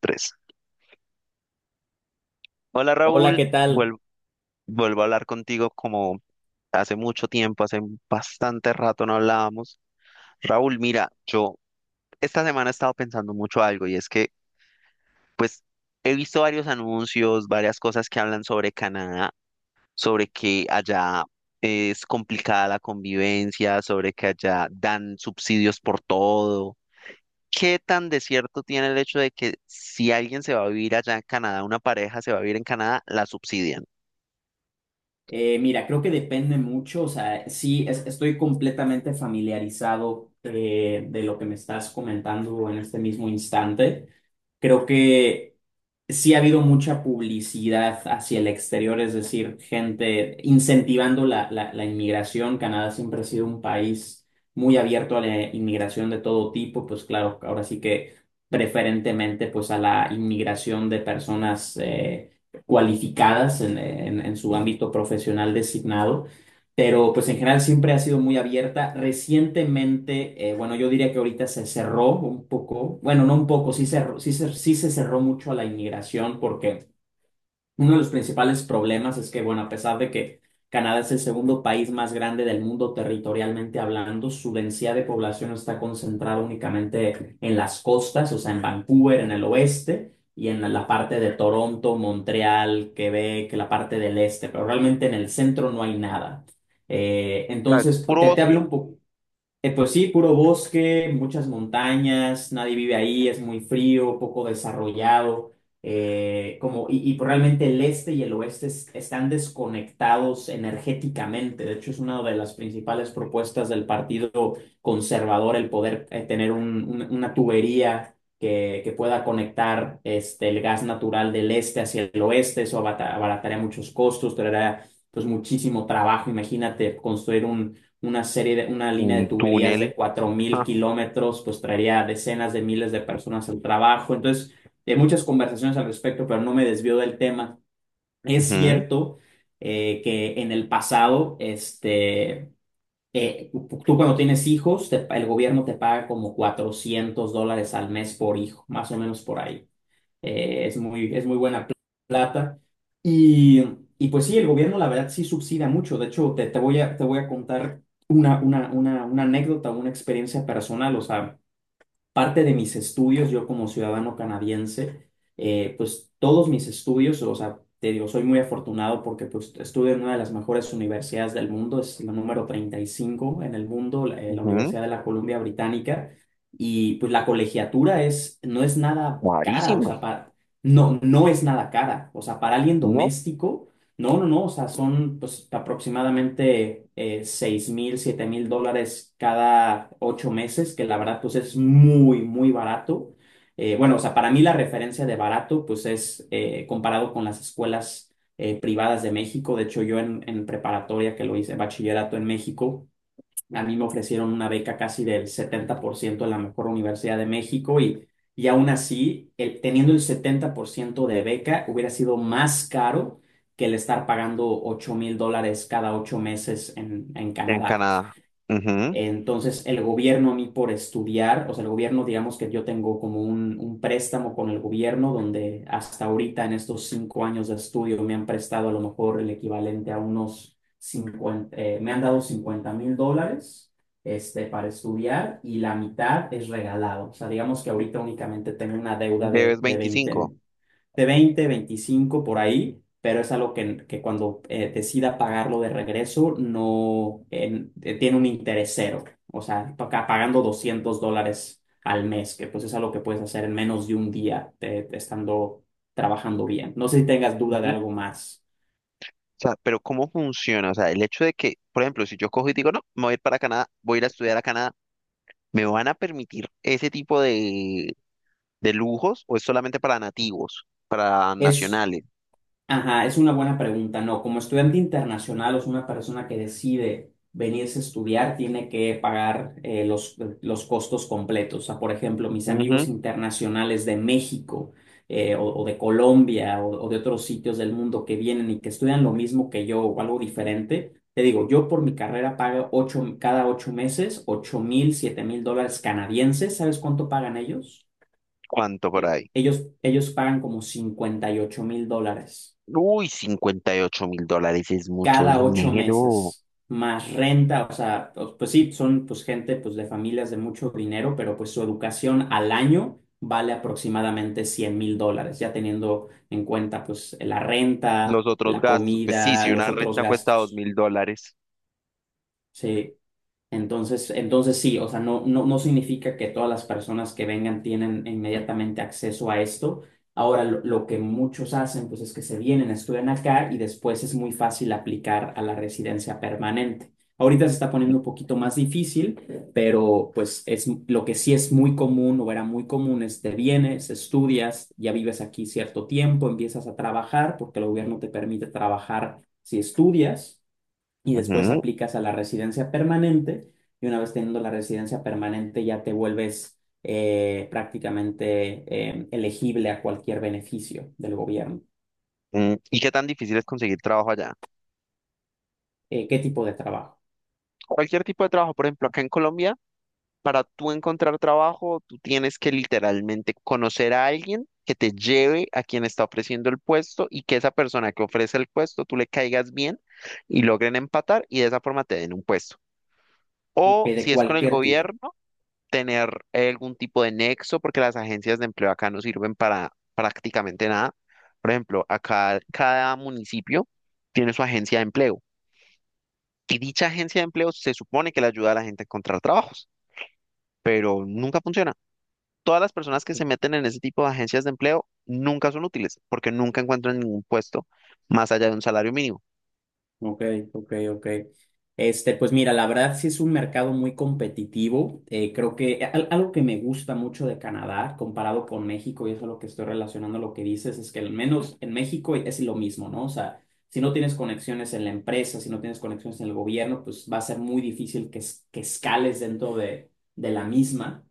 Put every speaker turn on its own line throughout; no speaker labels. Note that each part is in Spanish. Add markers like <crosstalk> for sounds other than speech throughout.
Tres. Hola
Hola,
Raúl,
¿qué tal?
Vuel- vuelvo a hablar contigo como hace mucho tiempo, hace bastante rato no hablábamos. Raúl, mira, yo esta semana he estado pensando mucho algo, y es que pues he visto varios anuncios, varias cosas que hablan sobre Canadá, sobre que allá es complicada la convivencia, sobre que allá dan subsidios por todo. ¿Qué tan desierto tiene el hecho de que si alguien se va a vivir allá en Canadá, una pareja se va a vivir en Canadá, la subsidian?
Mira, creo que depende mucho, o sea, sí, estoy completamente familiarizado de lo que me estás comentando en este mismo instante. Creo que sí ha habido mucha publicidad hacia el exterior, es decir, gente incentivando la inmigración. Canadá siempre ha sido un país muy abierto a la inmigración de todo tipo, pues claro, ahora sí que preferentemente pues a la inmigración de personas cualificadas en, en su ámbito profesional designado, pero pues en general siempre ha sido muy abierta. Recientemente, bueno, yo diría que ahorita se cerró un poco, bueno, no un poco, sí, sí se cerró mucho a la inmigración, porque uno de los principales problemas es que, bueno, a pesar de que Canadá es el segundo país más grande del mundo territorialmente hablando, su densidad de población está concentrada únicamente en las costas, o sea, en Vancouver, en el oeste, y en la parte de Toronto, Montreal, Quebec, la parte del este, pero realmente en el centro no hay nada. Eh,
O sea, es
entonces,
puro
te
bosque.
hablo un poco pues sí, puro bosque, muchas montañas, nadie vive ahí, es muy frío, poco desarrollado, como, y pues realmente el este y el oeste están desconectados energéticamente. De hecho, es una de las principales propuestas del Partido Conservador el poder tener una tubería que pueda conectar, este, el gas natural del este hacia el oeste. Eso abarataría muchos costos, traerá pues muchísimo trabajo. Imagínate construir una línea de
Un
tuberías
túnel.
de cuatro mil
Ah.
kilómetros, pues traería decenas de miles de personas al trabajo. Entonces, hay muchas conversaciones al respecto, pero no me desvío del tema. Es
Ujú.
cierto, que en el pasado, este, eh, tú cuando tienes hijos, el gobierno te paga como 400 dólares al mes por hijo, más o menos por ahí; es muy buena plata. Y, y pues sí, el gobierno la verdad sí subsidia mucho. De hecho, te voy a contar una anécdota, una experiencia personal. O sea, parte de mis estudios, yo como ciudadano canadiense, pues todos mis estudios, o sea, te digo, soy muy afortunado porque pues estudio en una de las mejores universidades del mundo, es la número 35 en el mundo, la
Ujú.
Universidad de la Columbia Británica, y pues la colegiatura no es nada cara, o
¡Carísimo!
sea, para, no, no es nada cara, o sea, para alguien
¿No?
doméstico. No, no, no, o sea, son pues aproximadamente, 6 mil, 7.000 dólares cada 8 meses, que la verdad pues es muy, muy barato. Bueno, o sea, para mí la referencia de barato pues es, comparado con las escuelas privadas de México. De hecho, yo en, preparatoria que lo hice, bachillerato en México, a mí me ofrecieron una beca casi del 70% en la mejor universidad de México, y aún así, teniendo el 70% de beca, hubiera sido más caro que el estar pagando 8.000 dólares cada 8 meses en,
En
Canadá.
Canadá. Ujú.
Entonces, el gobierno a mí por estudiar, o sea, el gobierno, digamos que yo tengo como un préstamo con el gobierno, donde hasta ahorita en estos 5 años de estudio me han prestado, a lo mejor, el equivalente a unos cincuenta, me han dado 50.000 dólares, este, para estudiar, y la mitad es regalado. O sea, digamos que ahorita únicamente tengo una deuda de,
Debes
de veinte
25.
de veinte 25 por ahí, pero es algo que, cuando decida pagarlo de regreso, no tiene un interés; cero, o sea, pagando 200 dólares al mes, que pues es algo que puedes hacer en menos de un día estando trabajando bien. No sé si tengas duda de
Ujú. O
algo más.
sea, pero ¿cómo funciona? O sea, el hecho de que, por ejemplo, si yo cojo y digo, no, me voy a ir para Canadá, voy a ir a estudiar a Canadá, ¿me van a permitir ese tipo de lujos o es solamente para nativos, para
Es
nacionales?
Ajá, es una buena pregunta. No, como estudiante internacional, o es una persona que decide venirse a estudiar, tiene que pagar los costos completos. O sea, por ejemplo, mis amigos
Ujú.
internacionales de México o de Colombia, o de otros sitios del mundo que vienen y que estudian lo mismo que yo o algo diferente, te digo, yo por mi carrera pago cada 8 meses 8.000, 7.000 dólares canadienses. ¿Sabes cuánto pagan ellos?
¿Cuánto por
Eh,
ahí?
Ellos, pagan como 58.000 dólares
Uy, $58.000 es mucho
cada ocho
dinero.
meses, más renta. O sea, pues sí, son pues gente pues de familias de mucho dinero, pero pues su educación al año vale aproximadamente 100.000 dólares, ya teniendo en cuenta pues la
Los
renta,
otros
la
gastos, pues sí,
comida,
si
los
una
otros
renta cuesta dos
gastos.
mil dólares.
Sí. Entonces sí, o sea, no, no, no significa que todas las personas que vengan tienen inmediatamente acceso a esto. Ahora, lo que muchos hacen, pues es que se vienen, estudian acá y después es muy fácil aplicar a la residencia permanente. Ahorita se está poniendo un poquito más difícil, pero pues es lo que sí es muy común, o era muy común, es te vienes, estudias, ya vives aquí cierto tiempo, empiezas a trabajar porque el gobierno te permite trabajar si estudias, y después
Ujú.
aplicas a la residencia permanente, y una vez teniendo la residencia permanente ya te vuelves prácticamente elegible a cualquier beneficio del gobierno.
Mm, ¿y qué tan difícil es conseguir trabajo allá?
¿Qué tipo de trabajo?
Cualquier tipo de trabajo, por ejemplo, acá en Colombia. Para tú encontrar trabajo, tú tienes que literalmente conocer a alguien que te lleve a quien está ofreciendo el puesto y que esa persona que ofrece el puesto, tú le caigas bien y logren empatar, y de esa forma te den un puesto. O
De
si es con el
cualquier tipo.
gobierno, tener algún tipo de nexo, porque las agencias de empleo acá no sirven para prácticamente nada. Por ejemplo, acá cada municipio tiene su agencia de empleo, y dicha agencia de empleo se supone que le ayuda a la gente a encontrar trabajos, pero nunca funciona. Todas las personas que se meten en ese tipo de agencias de empleo nunca son útiles porque nunca encuentran ningún puesto más allá de un salario mínimo.
Ok, ok, ok. Este, pues mira, la verdad sí es un mercado muy competitivo. Creo que algo que me gusta mucho de Canadá, comparado con México, y eso es lo que estoy relacionando lo que dices, es que al menos en México es lo mismo, ¿no? O sea, si no tienes conexiones en la empresa, si no tienes conexiones en el gobierno, pues va a ser muy difícil que, que escales dentro de la misma,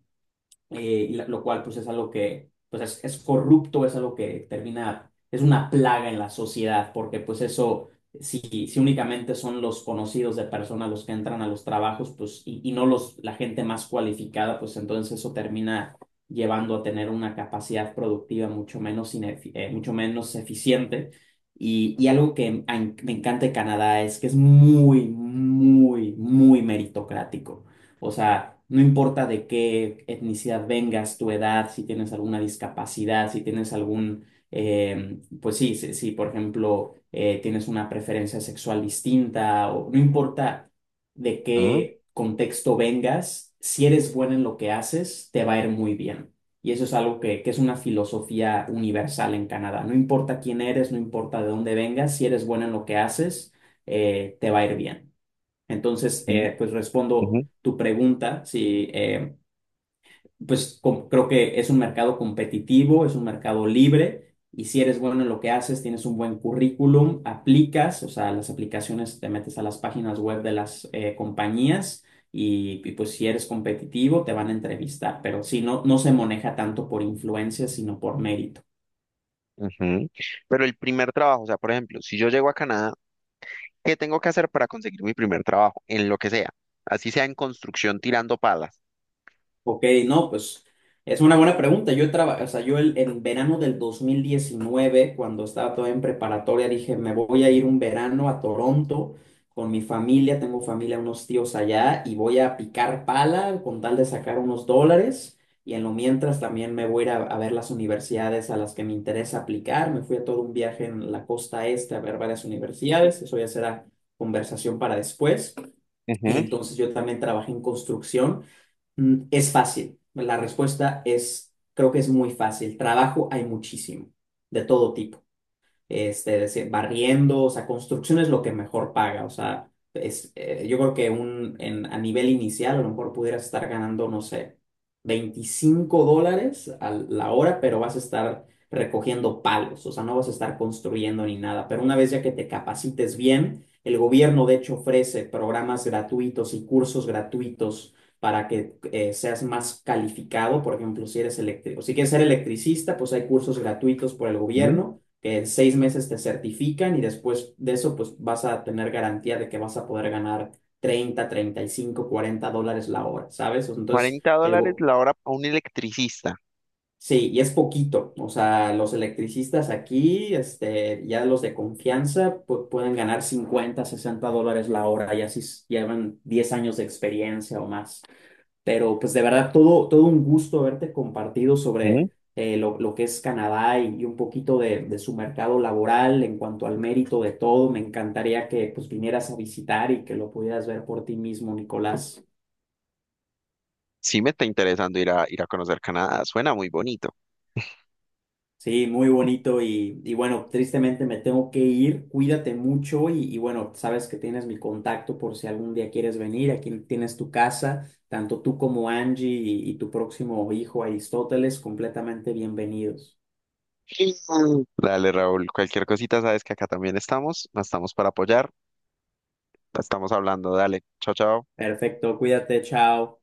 y lo cual pues es algo que pues es corrupto, es algo que termina, es una plaga en la sociedad, porque pues eso, si, si únicamente son los conocidos de personas los que entran a los trabajos, pues y no los, la gente más cualificada, pues entonces eso termina llevando a tener una capacidad productiva mucho menos, mucho menos eficiente. Y algo que me encanta de Canadá es que es muy, muy, muy meritocrático. O sea, no importa de qué etnicidad vengas, tu edad, si tienes alguna discapacidad, si tienes algún, pues sí, si, si, por ejemplo tienes una preferencia sexual distinta, o no importa de
Ah,
qué contexto vengas, si eres bueno en lo que haces, te va a ir muy bien. Y eso es algo que es una filosofía universal en Canadá. No importa quién eres, no importa de dónde vengas, si eres bueno en lo que haces, te va a ir bien. Entonces,
sí.
pues respondo
Ujú.
tu pregunta, si, pues creo que es un mercado competitivo, es un mercado libre, y si eres bueno en lo que haces, tienes un buen currículum, aplicas, o sea, las aplicaciones, te metes a las páginas web de las compañías y, pues si eres competitivo te van a entrevistar, pero si no, no se maneja tanto por influencia, sino por mérito.
Ujú. Pero el primer trabajo, o sea, por ejemplo, si yo llego a Canadá, ¿qué tengo que hacer para conseguir mi primer trabajo? En lo que sea, así sea en construcción tirando palas.
Ok, no, pues es una buena pregunta. O sea, en verano del 2019, cuando estaba todavía en preparatoria, dije, me voy a ir un verano a Toronto con mi familia, tengo familia, unos tíos allá, y voy a picar pala con tal de sacar unos dólares. Y en lo mientras también me voy a ir a ver las universidades a las que me interesa aplicar. Me fui a todo un viaje en la costa este a ver varias universidades. Eso ya será conversación para después.
Ujú.
Entonces yo también trabajé en construcción. Es fácil. La respuesta es, creo que es muy fácil. Trabajo hay muchísimo, de todo tipo, este, decir, barriendo. O sea, construcción es lo que mejor paga, o sea, es, yo creo que a nivel inicial, a lo mejor pudieras estar ganando, no sé, 25 dólares a la hora, pero vas a estar recogiendo palos, o sea, no vas a estar construyendo ni nada, pero una vez ya que te capacites bien, el gobierno de hecho ofrece programas gratuitos y cursos gratuitos para que seas más calificado. Por ejemplo, si eres electrico, si quieres ser electricista, pues hay cursos gratuitos por el
Ujú,
gobierno que en 6 meses te certifican, y después de eso pues vas a tener garantía de que vas a poder ganar 30, 35, 40 dólares la hora, ¿sabes? Entonces,
40 dólares la hora a un electricista.
sí, y es poquito, o sea, los electricistas aquí, este, ya los de confianza, pueden ganar 50, 60 dólares la hora, ya si llevan 10 años de experiencia o más. Pero pues de verdad, todo, todo un gusto haberte compartido
Ujú.
sobre lo, que es Canadá, y un poquito de su mercado laboral en cuanto al mérito de todo. Me encantaría que pues vinieras a visitar y que lo pudieras ver por ti mismo, Nicolás.
Sí me está interesando ir a conocer Canadá, suena muy bonito.
Sí, muy bonito, y bueno, tristemente me tengo que ir. Cuídate mucho y bueno, sabes que tienes mi contacto por si algún día quieres venir. Aquí tienes tu casa, tanto tú como Angie y tu próximo hijo Aristóteles, completamente bienvenidos.
<laughs> Dale, Raúl, cualquier cosita, sabes que acá también estamos para apoyar, estamos hablando, dale, chao, chao.
Perfecto, cuídate, chao.